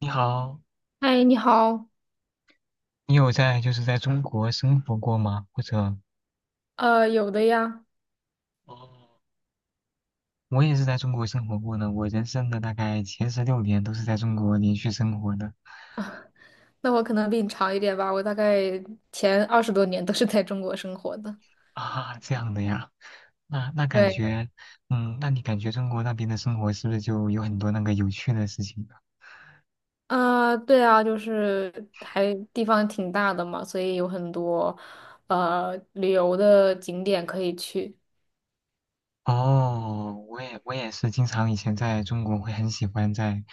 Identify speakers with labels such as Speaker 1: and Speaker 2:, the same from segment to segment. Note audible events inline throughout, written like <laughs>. Speaker 1: 你好，
Speaker 2: 嗨，你好。
Speaker 1: 你有在就是在中国生活过吗？或者。
Speaker 2: 有的呀。
Speaker 1: 哦，我也是在中国生活过的，我人生的大概前16年都是在中国连续生活的。
Speaker 2: 那我可能比你长一点吧，我大概前二十多年都是在中国生活的。
Speaker 1: 啊，这样的呀，那感
Speaker 2: 对。
Speaker 1: 觉，嗯，那你感觉中国那边的生活是不是就有很多那个有趣的事情呢？
Speaker 2: 啊对啊，就是还地方挺大的嘛，所以有很多旅游的景点可以去。
Speaker 1: 哦，我也是经常以前在中国会很喜欢在，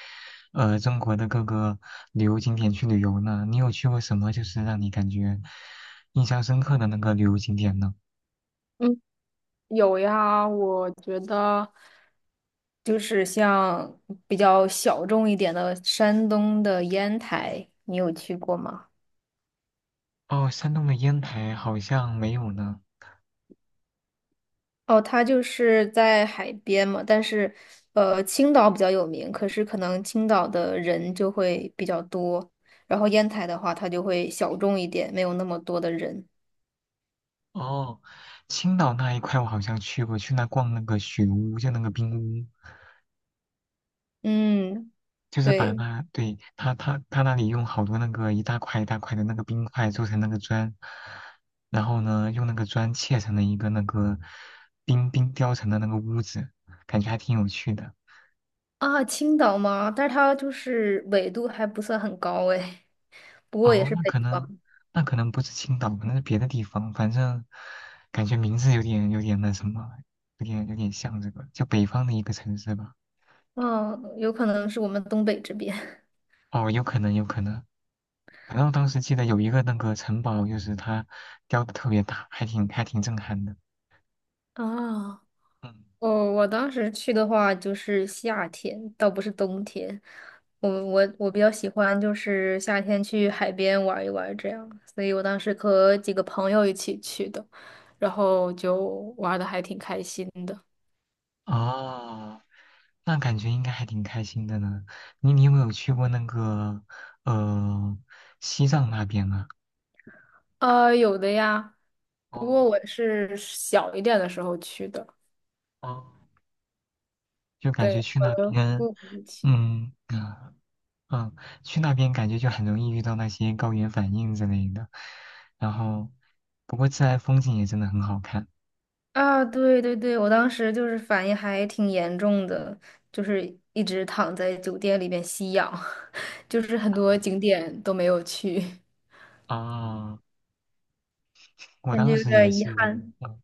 Speaker 1: 中国的各个旅游景点去旅游呢。你有去过什么就是让你感觉印象深刻的那个旅游景点呢？
Speaker 2: 嗯，有呀，我觉得就是像比较小众一点的山东的烟台，你有去过吗？
Speaker 1: 哦，山东的烟台好像没有呢。
Speaker 2: 哦，它就是在海边嘛，但是，青岛比较有名，可是可能青岛的人就会比较多，然后烟台的话，它就会小众一点，没有那么多的人。
Speaker 1: 哦，青岛那一块我好像去过，去那逛那个雪屋，就那个冰屋，
Speaker 2: 嗯，
Speaker 1: 就是把
Speaker 2: 对
Speaker 1: 那，对，他那里用好多那个一大块一大块的那个冰块做成那个砖，然后呢，用那个砖砌成了一个那个冰雕成的那个屋子，感觉还挺有趣的。
Speaker 2: 啊，青岛嘛，但是它就是纬度还不算很高诶，<laughs> 不过也
Speaker 1: 哦，
Speaker 2: 是
Speaker 1: 那
Speaker 2: 北
Speaker 1: 可能，
Speaker 2: 方。
Speaker 1: 不是青岛，可能是别的地方。反正感觉名字有点那什么，有点像这个，就北方的一个城市吧。
Speaker 2: 嗯，有可能是我们东北这边。
Speaker 1: 哦，有可能，有可能。反正我当时记得有一个那个城堡，就是它雕的特别大，还挺震撼的。
Speaker 2: <laughs> 啊。
Speaker 1: 嗯，
Speaker 2: 哦，我当时去的话就是夏天，倒不是冬天。我比较喜欢就是夏天去海边玩一玩这样，所以我当时和几个朋友一起去的，然后就玩的还挺开心的。
Speaker 1: 哦，那感觉应该还挺开心的呢。你有没有去过那个呃西藏那边啊？
Speaker 2: 啊，有的呀，不过
Speaker 1: 哦
Speaker 2: 我是小一点的时候去的，
Speaker 1: 哦，就感觉
Speaker 2: 对，
Speaker 1: 去那
Speaker 2: 和
Speaker 1: 边，
Speaker 2: 父母一起。
Speaker 1: 嗯。啊嗯，去那边感觉就很容易遇到那些高原反应之类的。然后，不过自然风景也真的很好看。
Speaker 2: 啊，对对对，我当时就是反应还挺严重的，就是一直躺在酒店里面吸氧。<laughs> 就是很多景点都没有去。<laughs>
Speaker 1: 啊，我
Speaker 2: 感觉
Speaker 1: 当
Speaker 2: 有
Speaker 1: 时也
Speaker 2: 点遗
Speaker 1: 是，
Speaker 2: 憾。
Speaker 1: 嗯，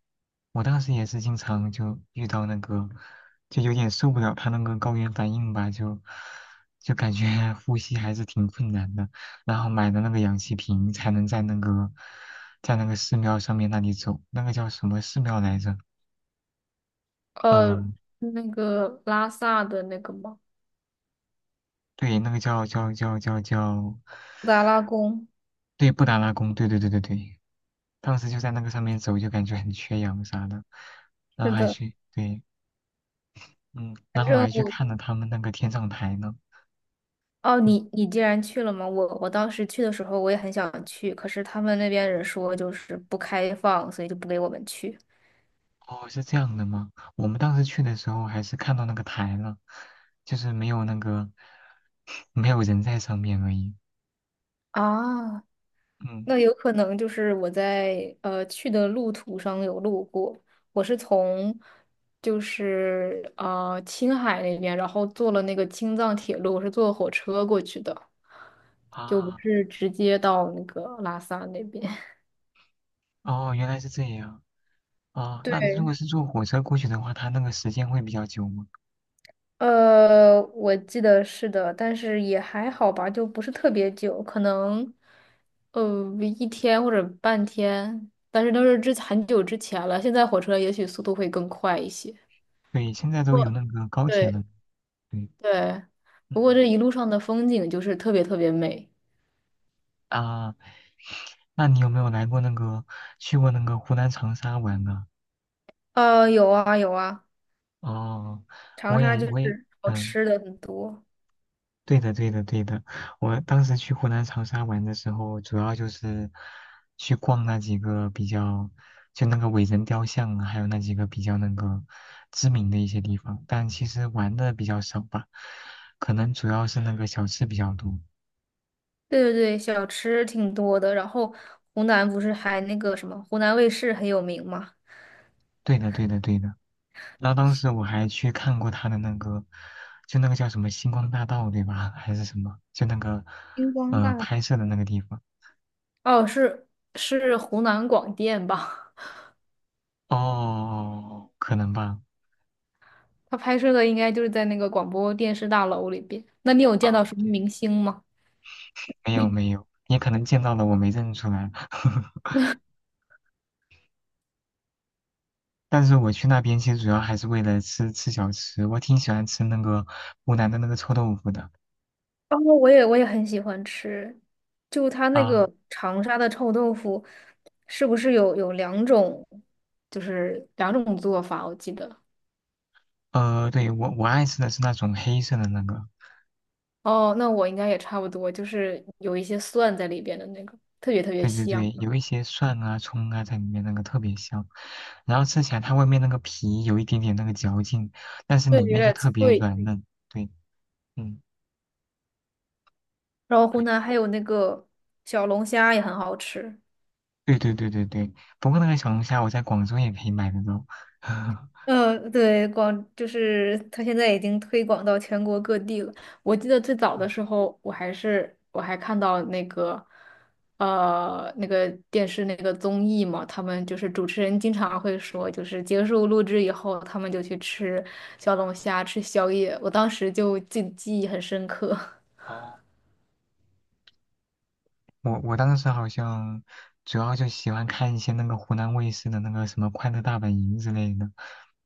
Speaker 1: 我当时也是经常就遇到那个，就有点受不了他那个高原反应吧，就感觉 <laughs> 呼吸还是挺困难的。然后买的那个氧气瓶才能在那个寺庙上面那里走，那个叫什么寺庙来着？
Speaker 2: 呃，
Speaker 1: 嗯、
Speaker 2: 那个拉萨的那个吗？
Speaker 1: 对，那个叫。
Speaker 2: 达拉宫。
Speaker 1: 对，布达拉宫，对对对对对，当时就在那个上面走，就感觉很缺氧啥的，然
Speaker 2: 是
Speaker 1: 后还
Speaker 2: 的。
Speaker 1: 去，对，嗯，
Speaker 2: 反
Speaker 1: 然后我
Speaker 2: 正
Speaker 1: 还去
Speaker 2: 我，
Speaker 1: 看了他们那个天葬台呢。
Speaker 2: 哦，
Speaker 1: 嗯，
Speaker 2: 你你既然去了嘛，我当时去的时候我也很想去，可是他们那边人说就是不开放，所以就不给我们去。
Speaker 1: 哦，是这样的吗？我们当时去的时候还是看到那个台了，就是没有那个 <sucks teeth>，<laughs> 没有人在上面而已。
Speaker 2: 啊，
Speaker 1: 嗯，
Speaker 2: 那有可能就是我在去的路途上有路过，我是从就是青海那边，然后坐了那个青藏铁路，我是坐火车过去的，就不
Speaker 1: 啊，
Speaker 2: 是直接到那个拉萨那边。<laughs>
Speaker 1: 哦，原来是这样。啊，那如
Speaker 2: 对，
Speaker 1: 果是坐火车过去的话，它那个时间会比较久吗？
Speaker 2: 我记得是的，但是也还好吧，就不是特别久，可能呃一天或者半天，但是都是之很久之前了，现在火车也许速度会更快一些。
Speaker 1: 对，现在都有那个高铁了。
Speaker 2: 对
Speaker 1: 对，嗯
Speaker 2: 对，不
Speaker 1: 嗯。
Speaker 2: 过
Speaker 1: 嗯
Speaker 2: 这一路上的风景就是特别特别美。
Speaker 1: 啊。那你有没有来过那个去过那个湖南长沙玩呢？
Speaker 2: 有啊有啊，
Speaker 1: 哦，
Speaker 2: 长
Speaker 1: 我
Speaker 2: 沙
Speaker 1: 也
Speaker 2: 就
Speaker 1: 我也
Speaker 2: 是好
Speaker 1: 嗯，
Speaker 2: 吃的很多。
Speaker 1: 对的对的对的，我当时去湖南长沙玩的时候，主要就是去逛那几个比较就那个伟人雕像啊，还有那几个比较那个知名的一些地方，但其实玩的比较少吧，可能主要是那个小吃比较多。
Speaker 2: 对对对，小吃挺多的。然后湖南不是还那个什么，湖南卫视很有名吗？
Speaker 1: 对的对的对的。然后当时我还去看过他的那个，就那个叫什么星光大道，对吧？还是什么？就那个
Speaker 2: 星光大。
Speaker 1: 拍摄的那个地方。
Speaker 2: 哦，是湖南广电吧？
Speaker 1: 哦，可能吧。
Speaker 2: <laughs> 他拍摄的应该就是在那个广播电视大楼里边。那你有见
Speaker 1: 啊，
Speaker 2: 到什么
Speaker 1: 对，
Speaker 2: 明星吗？
Speaker 1: 没有没有，也可能见到了我没认出来。<laughs> 但是我去那边其实主要还是为了吃吃小吃，我挺喜欢吃那个湖南的那个臭豆腐的。
Speaker 2: 哦，我也很喜欢吃，就它那
Speaker 1: 啊，
Speaker 2: 个长沙的臭豆腐，是不是有两种，就是两种做法？我记得。
Speaker 1: 对，我爱吃的是那种黑色的那个。
Speaker 2: 哦，那我应该也差不多，就是有一些蒜在里边的那个，特别特别
Speaker 1: 对对
Speaker 2: 香。
Speaker 1: 对，有一些蒜啊、葱啊在里面，那个特别香。然后吃起来，它外面那个皮有一点点那个嚼劲，但是
Speaker 2: 对，
Speaker 1: 里
Speaker 2: 有
Speaker 1: 面就
Speaker 2: 点
Speaker 1: 特别
Speaker 2: 脆。
Speaker 1: 软嫩。对，嗯，
Speaker 2: 然后湖
Speaker 1: 哎，
Speaker 2: 南还有那个小龙虾也很好吃。
Speaker 1: 对对对对对。不过那个小龙虾，我在广州也可以买得到。<laughs>
Speaker 2: 嗯，对，就是它现在已经推广到全国各地了。我记得最早的
Speaker 1: 嗯，
Speaker 2: 时候，我还看到那个，那个电视那个综艺嘛，他们就是主持人经常会说，就是结束录制以后，他们就去吃小龙虾、吃宵夜。我当时就记忆很深刻。<laughs>
Speaker 1: 哦，我当时好像主要就喜欢看一些那个湖南卫视的那个什么《快乐大本营》之类的。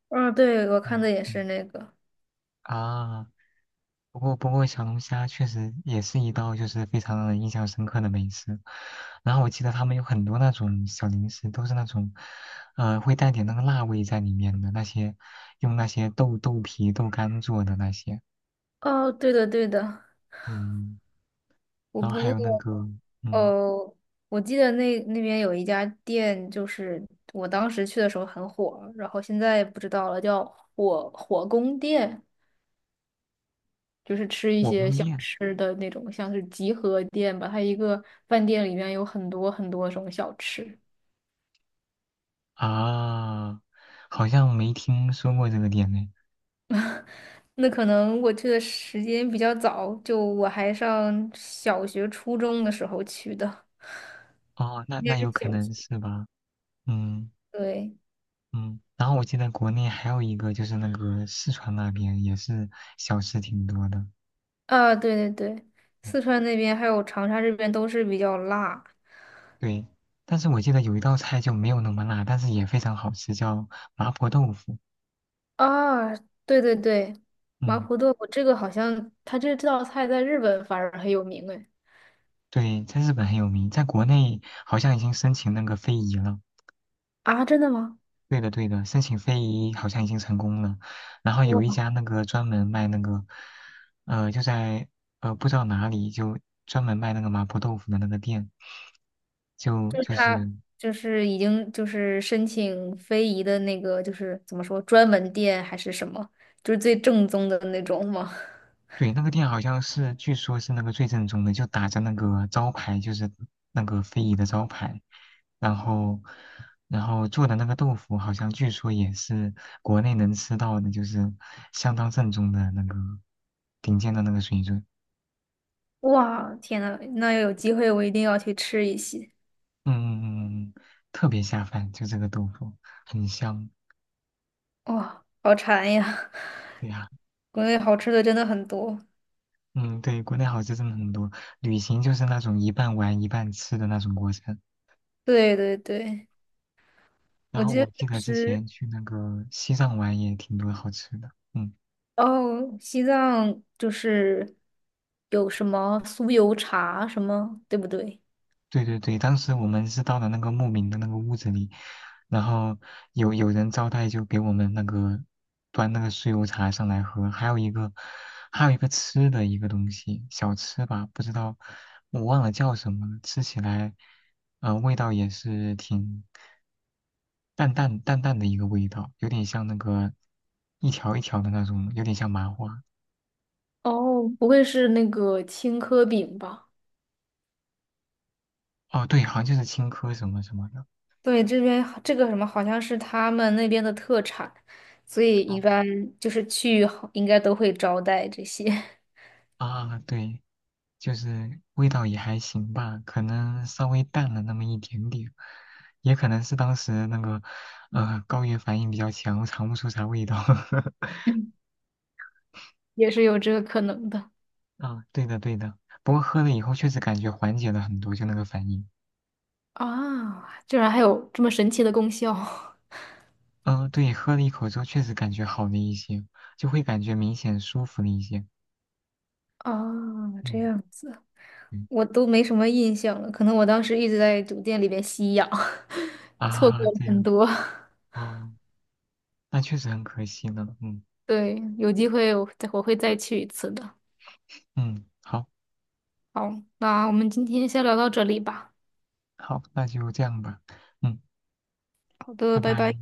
Speaker 2: 嗯，对，我看
Speaker 1: 嗯
Speaker 2: 的也是
Speaker 1: 嗯，
Speaker 2: 那个。
Speaker 1: 啊。不过小龙虾确实也是一道就是非常让人印象深刻的美食。然后我记得他们有很多那种小零食，都是那种，会带点那个辣味在里面的那些，用那些豆皮、豆干做的那些。
Speaker 2: 哦，对的，对的。
Speaker 1: 嗯，
Speaker 2: 我
Speaker 1: 然后
Speaker 2: 不
Speaker 1: 还
Speaker 2: 过，
Speaker 1: 有那个，嗯，
Speaker 2: 呃，我记得那边有一家店，就是我当时去的时候很火，然后现在不知道了，叫火宫殿，就是吃一
Speaker 1: 火
Speaker 2: 些
Speaker 1: 宫
Speaker 2: 小
Speaker 1: 殿
Speaker 2: 吃的那种，像是集合店吧。它一个饭店里面有很多很多种小吃。
Speaker 1: 啊，好像没听说过这个店呢。
Speaker 2: <laughs> 那可能我去的时间比较早，就我还上小学、初中的时候去的，
Speaker 1: 哦，那
Speaker 2: 应该
Speaker 1: 那
Speaker 2: 是
Speaker 1: 有可
Speaker 2: 小
Speaker 1: 能
Speaker 2: 学。
Speaker 1: 是吧。嗯。
Speaker 2: 对。
Speaker 1: 嗯，然后我记得国内还有一个，就是那个四川那边也是小吃挺多的。
Speaker 2: 啊，对对对，
Speaker 1: 嗯，
Speaker 2: 四川那边还有长沙这边都是比较辣。
Speaker 1: 对，但是我记得有一道菜就没有那么辣，但是也非常好吃，叫麻婆豆腐。
Speaker 2: 啊，对对对，麻
Speaker 1: 嗯，
Speaker 2: 婆豆腐这个好像它这道菜在日本反而很有名哎。
Speaker 1: 对，在日本很有名，在国内好像已经申请那个非遗了。
Speaker 2: 啊，真的吗？
Speaker 1: 对的，对的，申请非遗好像已经成功了。然后有一
Speaker 2: 哇，
Speaker 1: 家那个专门卖那个，就在不知道哪里，就专门卖那个麻婆豆腐的那个店，就
Speaker 2: 就是
Speaker 1: 就
Speaker 2: 它
Speaker 1: 是
Speaker 2: 就是已经就是申请非遗的那个就是怎么说专门店还是什么，就是最正宗的那种吗？<laughs>
Speaker 1: 对，那个店好像是，据说是那个最正宗的，就打着那个招牌，就是那个非遗的招牌，然后，然后做的那个豆腐，好像据说也是国内能吃到的，就是相当正宗的那个顶尖的那个水准。
Speaker 2: 哇，天呐，那要有机会我一定要去吃一些。
Speaker 1: 嗯嗯嗯，嗯，特别下饭，就这个豆腐很香。
Speaker 2: 哇，好馋呀！
Speaker 1: 对呀、
Speaker 2: <laughs> 国内好吃的真的很多。
Speaker 1: 嗯，对，国内好吃真的很多，旅行就是那种一半玩一半吃的那种过程。
Speaker 2: 对对对。
Speaker 1: 然
Speaker 2: 我
Speaker 1: 后
Speaker 2: 记得
Speaker 1: 我记
Speaker 2: 当
Speaker 1: 得之
Speaker 2: 时
Speaker 1: 前去那个西藏玩也挺多好吃的，嗯，
Speaker 2: 哦，西藏就是有什么酥油茶什么，对不对？
Speaker 1: 对对对，当时我们是到了那个牧民的那个屋子里，然后有人招待就给我们那个端那个酥油茶上来喝，还有一个吃的一个东西小吃吧，不知道我忘了叫什么了，吃起来味道也是挺淡淡的一个味道，有点像那个一条一条的那种，有点像麻花，
Speaker 2: 哦，不会是那个青稞饼吧？
Speaker 1: 哦，对，好像就是青稞什么什么的。
Speaker 2: 对，这边好这个什么好像是他们那边的特产，所以一
Speaker 1: 嗯
Speaker 2: 般就是去好应该都会招待这些。
Speaker 1: 啊，对，就是味道也还行吧，可能稍微淡了那么一点点，也可能是当时那个高原反应比较强，我尝不出啥味道。<laughs>
Speaker 2: <laughs> 也是有这个可能的。
Speaker 1: 啊，对的对的，不过喝了以后确实感觉缓解了很多，就那个反应。
Speaker 2: 啊！居然还有这么神奇的功效。 <laughs>
Speaker 1: 嗯、对，喝了一口之后确实感觉好了一些，就会感觉明显舒服了一些。
Speaker 2: 啊！这
Speaker 1: 嗯
Speaker 2: 样子。
Speaker 1: 嗯，
Speaker 2: 我都没什么印象了，可能我当时一直在酒店里边吸氧，<laughs> 错
Speaker 1: 啊，
Speaker 2: 过了
Speaker 1: 对
Speaker 2: 很多。
Speaker 1: 啊，哦，那确实很可惜呢。嗯
Speaker 2: 对，有机会我会再去一次的。
Speaker 1: 嗯，好。
Speaker 2: 好，那我们今天先聊到这里吧。
Speaker 1: 好，那就这样吧，嗯，
Speaker 2: 好的，
Speaker 1: 拜
Speaker 2: 拜
Speaker 1: 拜。
Speaker 2: 拜。